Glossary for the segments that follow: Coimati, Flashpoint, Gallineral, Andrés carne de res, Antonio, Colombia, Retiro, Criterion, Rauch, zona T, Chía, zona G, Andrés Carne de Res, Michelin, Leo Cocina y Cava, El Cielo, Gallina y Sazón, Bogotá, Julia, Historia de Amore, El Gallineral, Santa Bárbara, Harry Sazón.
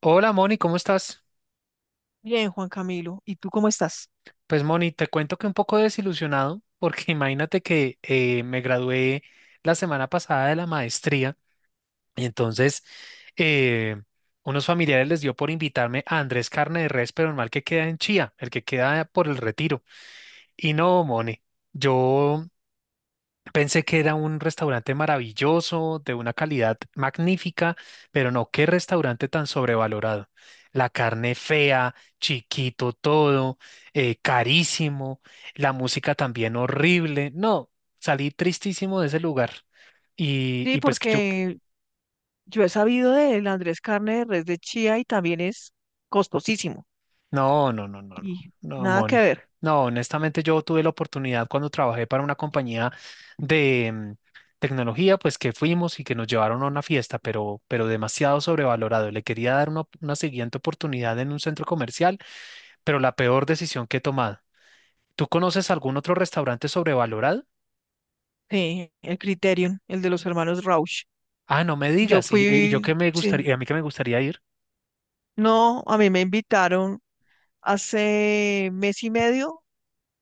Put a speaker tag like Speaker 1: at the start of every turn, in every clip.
Speaker 1: Hola Moni, ¿cómo estás?
Speaker 2: Bien, Juan Camilo, ¿y tú cómo estás?
Speaker 1: Pues Moni, te cuento que un poco desilusionado porque imagínate que me gradué la semana pasada de la maestría y entonces eh, unos familiares les dio por invitarme a Andrés Carne de Res, pero el mal que queda en Chía, el que queda por el Retiro. Y no, Moni, yo pensé que era un restaurante maravilloso, de una calidad magnífica, pero no, qué restaurante tan sobrevalorado. La carne fea, chiquito todo, carísimo, la música también horrible. No, salí tristísimo de ese lugar. Y,
Speaker 2: Sí,
Speaker 1: y pues que yo.
Speaker 2: porque yo he sabido del Andrés Carne de Res de Chía y también es costosísimo.
Speaker 1: No, no, no, no, no,
Speaker 2: Y
Speaker 1: no,
Speaker 2: nada que
Speaker 1: Moni.
Speaker 2: ver.
Speaker 1: No, honestamente yo tuve la oportunidad cuando trabajé para una compañía de tecnología, pues que fuimos y que nos llevaron a una fiesta, pero demasiado sobrevalorado. Le quería dar una siguiente oportunidad en un centro comercial, pero la peor decisión que he tomado. ¿Tú conoces algún otro restaurante sobrevalorado?
Speaker 2: Sí, el Criterion, el de los hermanos Rauch.
Speaker 1: Ah, no me
Speaker 2: Yo
Speaker 1: digas. Y yo que
Speaker 2: fui,
Speaker 1: me
Speaker 2: sí,
Speaker 1: gustaría, y a mí que me gustaría ir.
Speaker 2: no, a mí me invitaron hace mes y medio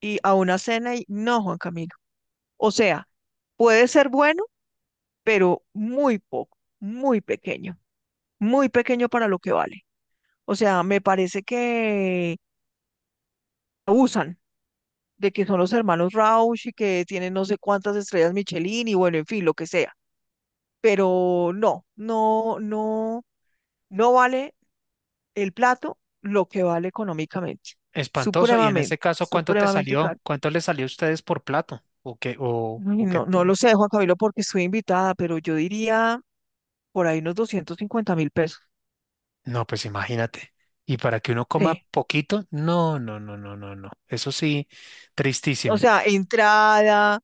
Speaker 2: y a una cena y no, Juan Camilo. O sea, puede ser bueno, pero muy poco, muy pequeño para lo que vale. O sea, me parece que abusan de que son los hermanos Rauch y que tienen no sé cuántas estrellas Michelin y bueno, en fin, lo que sea. Pero no, no, no, no vale el plato lo que vale económicamente.
Speaker 1: Espantoso. Y en
Speaker 2: Supremamente,
Speaker 1: ese caso, ¿cuánto te
Speaker 2: supremamente
Speaker 1: salió?
Speaker 2: caro.
Speaker 1: ¿Cuánto les salió a ustedes por plato? ¿O qué, o,
Speaker 2: Ay,
Speaker 1: o qué?
Speaker 2: no, no lo sé, Juan Camilo, porque estoy invitada, pero yo diría por ahí unos 250 mil pesos.
Speaker 1: No, pues imagínate. Y para que uno coma
Speaker 2: Sí.
Speaker 1: poquito, no, no, no, no, no, no. Eso sí,
Speaker 2: O
Speaker 1: tristísimo.
Speaker 2: sea, entrada,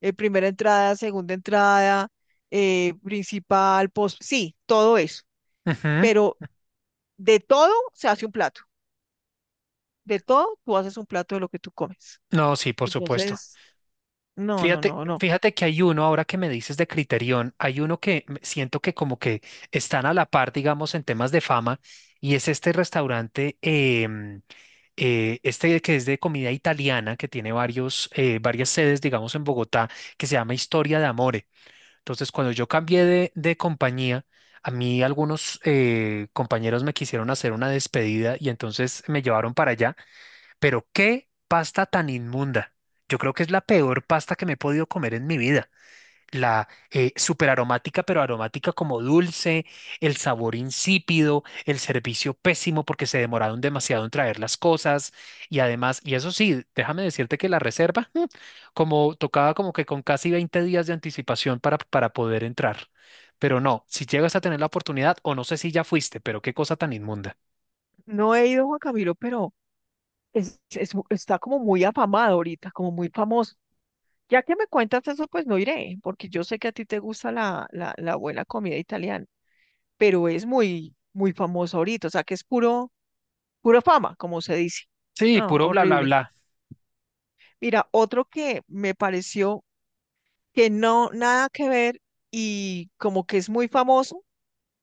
Speaker 2: primera entrada, segunda entrada, principal, post, sí, todo eso.
Speaker 1: Ujú.
Speaker 2: Pero de todo se hace un plato. De todo tú haces un plato de lo que tú comes.
Speaker 1: No, sí, por supuesto.
Speaker 2: Entonces, no, no,
Speaker 1: Fíjate,
Speaker 2: no, no.
Speaker 1: fíjate que hay uno, ahora que me dices de Criterion, hay uno que siento que como que están a la par, digamos, en temas de fama, y es este restaurante, este que es de comida italiana, que tiene varios, varias sedes, digamos, en Bogotá, que se llama Historia de Amore. Entonces, cuando yo cambié de compañía, a mí algunos compañeros me quisieron hacer una despedida y entonces me llevaron para allá. Pero qué pasta tan inmunda. Yo creo que es la peor pasta que me he podido comer en mi vida, la superaromática, pero aromática como dulce, el sabor insípido, el servicio pésimo porque se demoraron demasiado en traer las cosas y además, y eso sí, déjame decirte que la reserva, como tocaba como que con casi 20 días de anticipación para poder entrar. Pero no, si llegas a tener la oportunidad, o no sé si ya fuiste, pero qué cosa tan inmunda.
Speaker 2: No he ido a Juan Camilo, pero está como muy afamado ahorita, como muy famoso. Ya que me cuentas eso, pues no iré, porque yo sé que a ti te gusta la buena comida italiana, pero es muy, muy famosa ahorita, o sea que es puro, pura fama, como se dice.
Speaker 1: Sí,
Speaker 2: No,
Speaker 1: puro bla, bla,
Speaker 2: horrible.
Speaker 1: bla.
Speaker 2: Mira, otro que me pareció que no, nada que ver y como que es muy famoso,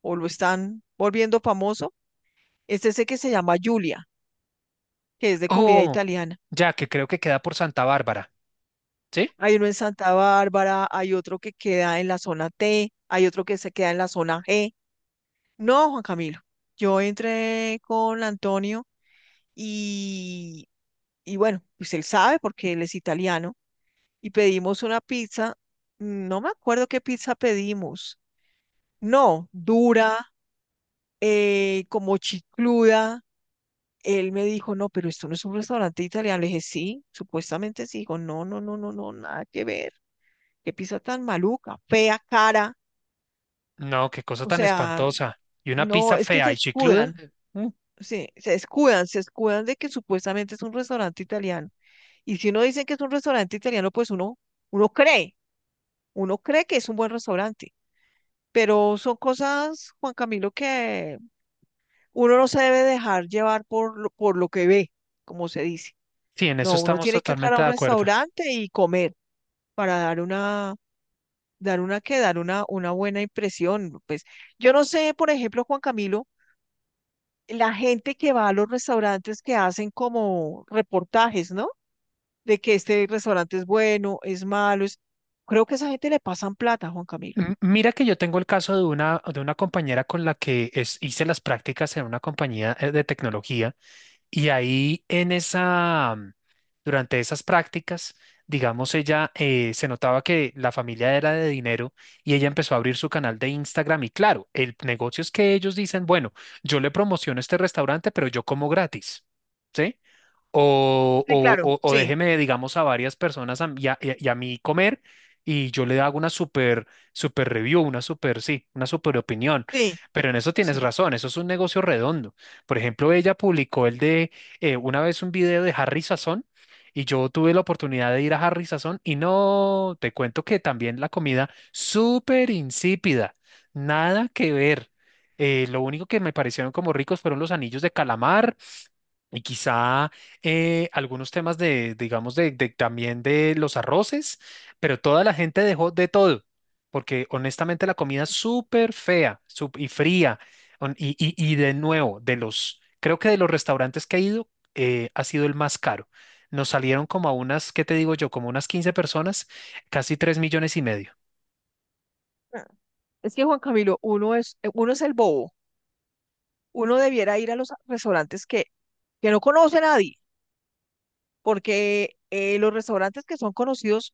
Speaker 2: o lo están volviendo famoso, es ese que se llama Julia, que es de comida
Speaker 1: Oh,
Speaker 2: italiana.
Speaker 1: ya que creo que queda por Santa Bárbara, ¿sí?
Speaker 2: Hay uno en Santa Bárbara, hay otro que queda en la zona T, hay otro que se queda en la zona G. No, Juan Camilo. Yo entré con Antonio y, y bueno, pues él sabe porque él es italiano y pedimos una pizza. No me acuerdo qué pizza pedimos. No, dura, como chicluda. Él me dijo, no, pero esto no es un restaurante italiano. Le dije, sí, supuestamente sí. Dijo, no, no, no, no, no, nada que ver. Qué pizza tan maluca, fea, cara.
Speaker 1: No, qué cosa
Speaker 2: O
Speaker 1: tan
Speaker 2: sea,
Speaker 1: espantosa. Y una
Speaker 2: no,
Speaker 1: pizza
Speaker 2: es que
Speaker 1: fea
Speaker 2: se
Speaker 1: y chicluda.
Speaker 2: escudan. Sí, se escudan de que supuestamente es un restaurante italiano. Y si uno dice que es un restaurante italiano, pues uno cree, uno cree que es un buen restaurante. Pero son cosas, Juan Camilo, que uno no se debe dejar llevar por lo que ve, como se dice.
Speaker 1: Sí, en eso
Speaker 2: No, uno
Speaker 1: estamos
Speaker 2: tiene que entrar a
Speaker 1: totalmente
Speaker 2: un
Speaker 1: de acuerdo.
Speaker 2: restaurante y comer para dar una buena impresión. Pues yo no sé, por ejemplo, Juan Camilo, la gente que va a los restaurantes que hacen como reportajes, ¿no? De que este restaurante es bueno, es malo. Es. Creo que a esa gente le pasan plata, Juan Camilo.
Speaker 1: Mira que yo tengo el caso de una compañera con la que hice las prácticas en una compañía de tecnología y ahí en esa, durante esas prácticas, digamos, ella se notaba que la familia era de dinero y ella empezó a abrir su canal de Instagram y claro, el negocio es que ellos dicen, bueno, yo le promociono este restaurante, pero yo como gratis. ¿Sí? O,
Speaker 2: Sí,
Speaker 1: o,
Speaker 2: claro,
Speaker 1: o- o
Speaker 2: sí,
Speaker 1: déjeme, digamos, a varias personas y a, y a mí comer y yo le hago una super, super review, una super, sí, una super opinión.
Speaker 2: sí,
Speaker 1: Pero en eso tienes
Speaker 2: sí.
Speaker 1: razón, eso es un negocio redondo. Por ejemplo, ella publicó el de una vez un video de Harry Sazón y yo tuve la oportunidad de ir a Harry Sazón y no, te cuento que también la comida súper insípida, nada que ver. Lo único que me parecieron como ricos fueron los anillos de calamar y quizá algunos temas de, digamos, de, también de los arroces, pero toda la gente dejó de todo, porque honestamente la comida es súper fea y fría. Y, y de nuevo, de los, creo que de los restaurantes que he ido, ha sido el más caro. Nos salieron como a unas, ¿qué te digo yo? Como unas 15 personas, casi 3,5 millones.
Speaker 2: Ah. Es que Juan Camilo, uno es el bobo. Uno debiera ir a los restaurantes que no conoce nadie, porque los restaurantes que son conocidos,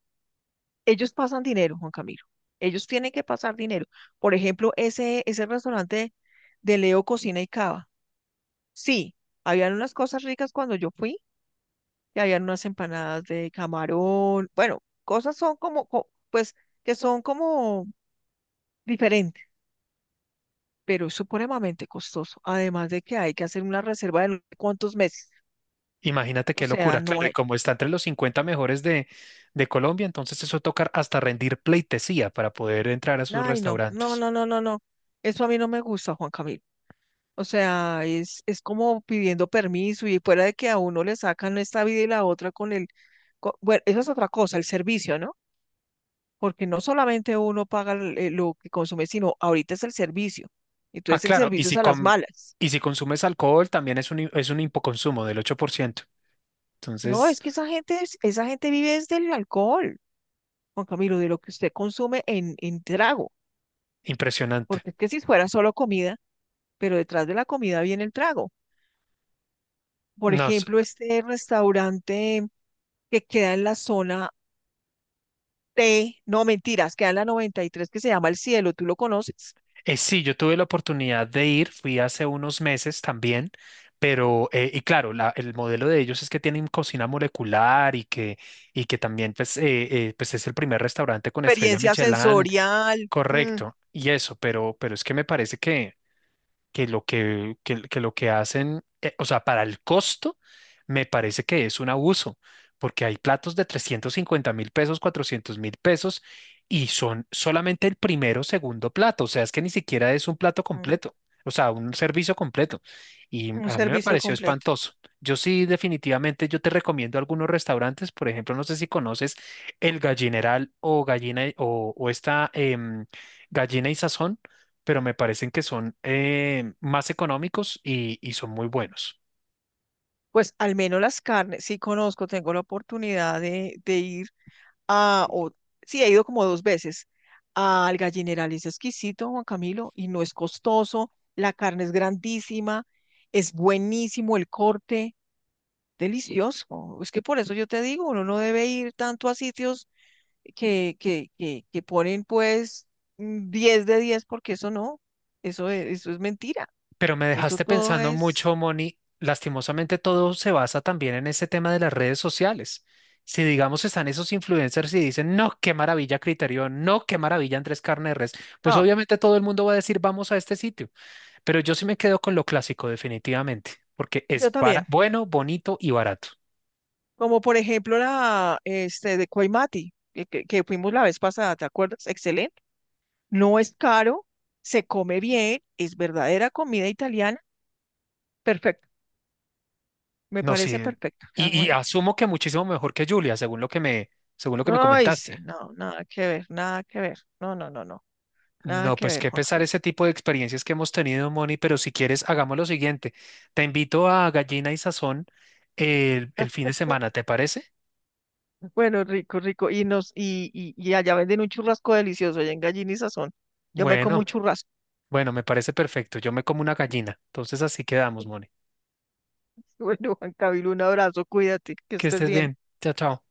Speaker 2: ellos pasan dinero, Juan Camilo. Ellos tienen que pasar dinero. Por ejemplo, ese restaurante de Leo Cocina y Cava. Sí, habían unas cosas ricas cuando yo fui, y habían unas empanadas de camarón, bueno, cosas son como, pues, que son como diferentes, pero es supremamente costoso, además de que hay que hacer una reserva de no sé cuántos meses,
Speaker 1: Imagínate
Speaker 2: o
Speaker 1: qué
Speaker 2: sea,
Speaker 1: locura,
Speaker 2: no
Speaker 1: claro, y
Speaker 2: hay,
Speaker 1: como está entre los 50 mejores de, Colombia, entonces eso toca hasta rendir pleitesía para poder entrar a sus
Speaker 2: ay, no, no,
Speaker 1: restaurantes.
Speaker 2: no, no, no, no, eso a mí no me gusta, Juan Camilo. O sea, es como pidiendo permiso y fuera de que a uno le sacan esta vida y la otra con el, bueno, eso es otra cosa, el servicio, ¿no? Porque no solamente uno paga lo que consume, sino ahorita es el servicio.
Speaker 1: Ah,
Speaker 2: Entonces el
Speaker 1: claro, y
Speaker 2: servicio es
Speaker 1: si,
Speaker 2: a las malas.
Speaker 1: y si consumes alcohol, también es un hipoconsumo del 8%.
Speaker 2: No,
Speaker 1: Entonces
Speaker 2: es que esa gente, esa gente vive desde el alcohol, Juan Camilo, de lo que usted consume en trago,
Speaker 1: impresionante.
Speaker 2: porque es que si fuera solo comida, pero detrás de la comida viene el trago. Por
Speaker 1: No, s-
Speaker 2: ejemplo, este restaurante que queda en la zona T, no mentiras, queda en la 93 que se llama El Cielo, tú lo conoces.
Speaker 1: eh, sí, yo tuve la oportunidad de ir, fui hace unos meses también, pero, y claro, el modelo de ellos es que tienen cocina molecular y que también pues, pues es el primer restaurante con estrella
Speaker 2: Experiencia
Speaker 1: Michelin,
Speaker 2: sensorial,
Speaker 1: correcto, y eso, pero es que me parece que lo que hacen, o sea, para el costo, me parece que es un abuso, porque hay platos de 350.000 pesos, 400.000 pesos, y son solamente el primero o segundo plato, o sea, es que ni siquiera es un plato
Speaker 2: mm,
Speaker 1: completo, o sea, un servicio completo. Y
Speaker 2: un
Speaker 1: a mí me
Speaker 2: servicio
Speaker 1: pareció
Speaker 2: completo.
Speaker 1: espantoso. Yo sí, definitivamente, yo te recomiendo algunos restaurantes, por ejemplo, no sé si conoces El Gallineral o o esta Gallina y Sazón, pero me parecen que son más económicos y son muy buenos.
Speaker 2: Pues al menos las carnes, sí conozco, tengo la oportunidad de ir a, o, sí, he ido como 2 veces al Gallineral, es exquisito, Juan Camilo, y no es costoso, la carne es grandísima, es buenísimo el corte, delicioso. Es que por eso yo te digo, uno no debe ir tanto a sitios que ponen pues 10 de 10 porque eso no, eso, eso es mentira,
Speaker 1: Pero me
Speaker 2: eso
Speaker 1: dejaste
Speaker 2: todo
Speaker 1: pensando
Speaker 2: es.
Speaker 1: mucho, Moni. Lastimosamente todo se basa también en ese tema de las redes sociales. Si digamos están esos influencers y dicen, no, qué maravilla Criterion, no, qué maravilla Andrés Carne de Res, pues
Speaker 2: Ah,
Speaker 1: obviamente todo el mundo va a decir, vamos a este sitio. Pero yo sí me quedo con lo clásico, definitivamente, porque
Speaker 2: yo
Speaker 1: es
Speaker 2: también.
Speaker 1: bueno, bonito y barato.
Speaker 2: Como por ejemplo la este, de Coimati, que fuimos la vez pasada, ¿te acuerdas? Excelente. No es caro, se come bien, es verdadera comida italiana. Perfecto, me
Speaker 1: No, sí.
Speaker 2: parece perfecto. Ya no
Speaker 1: Y
Speaker 2: hay.
Speaker 1: asumo que muchísimo mejor que Julia, según lo que me, según lo que me
Speaker 2: No, ay,
Speaker 1: comentaste.
Speaker 2: sí, no, nada que ver, nada que ver. No, no, no, no, nada
Speaker 1: No,
Speaker 2: que
Speaker 1: pues
Speaker 2: ver,
Speaker 1: qué
Speaker 2: Juan
Speaker 1: pesar
Speaker 2: Camilo.
Speaker 1: ese tipo de experiencias que hemos tenido, Moni, pero si quieres, hagamos lo siguiente. Te invito a Gallina y Sazón el fin de semana, ¿te parece?
Speaker 2: Bueno, rico, rico. Y allá venden un churrasco delicioso, allá en Gallina y Sazón. Yo me como
Speaker 1: Bueno,
Speaker 2: un churrasco.
Speaker 1: bueno, me parece perfecto. Yo me como una gallina. Entonces así quedamos, Moni.
Speaker 2: Bueno, Juan Camilo, un abrazo, cuídate, que
Speaker 1: Que
Speaker 2: estés
Speaker 1: estés
Speaker 2: bien.
Speaker 1: bien. Chao, chao.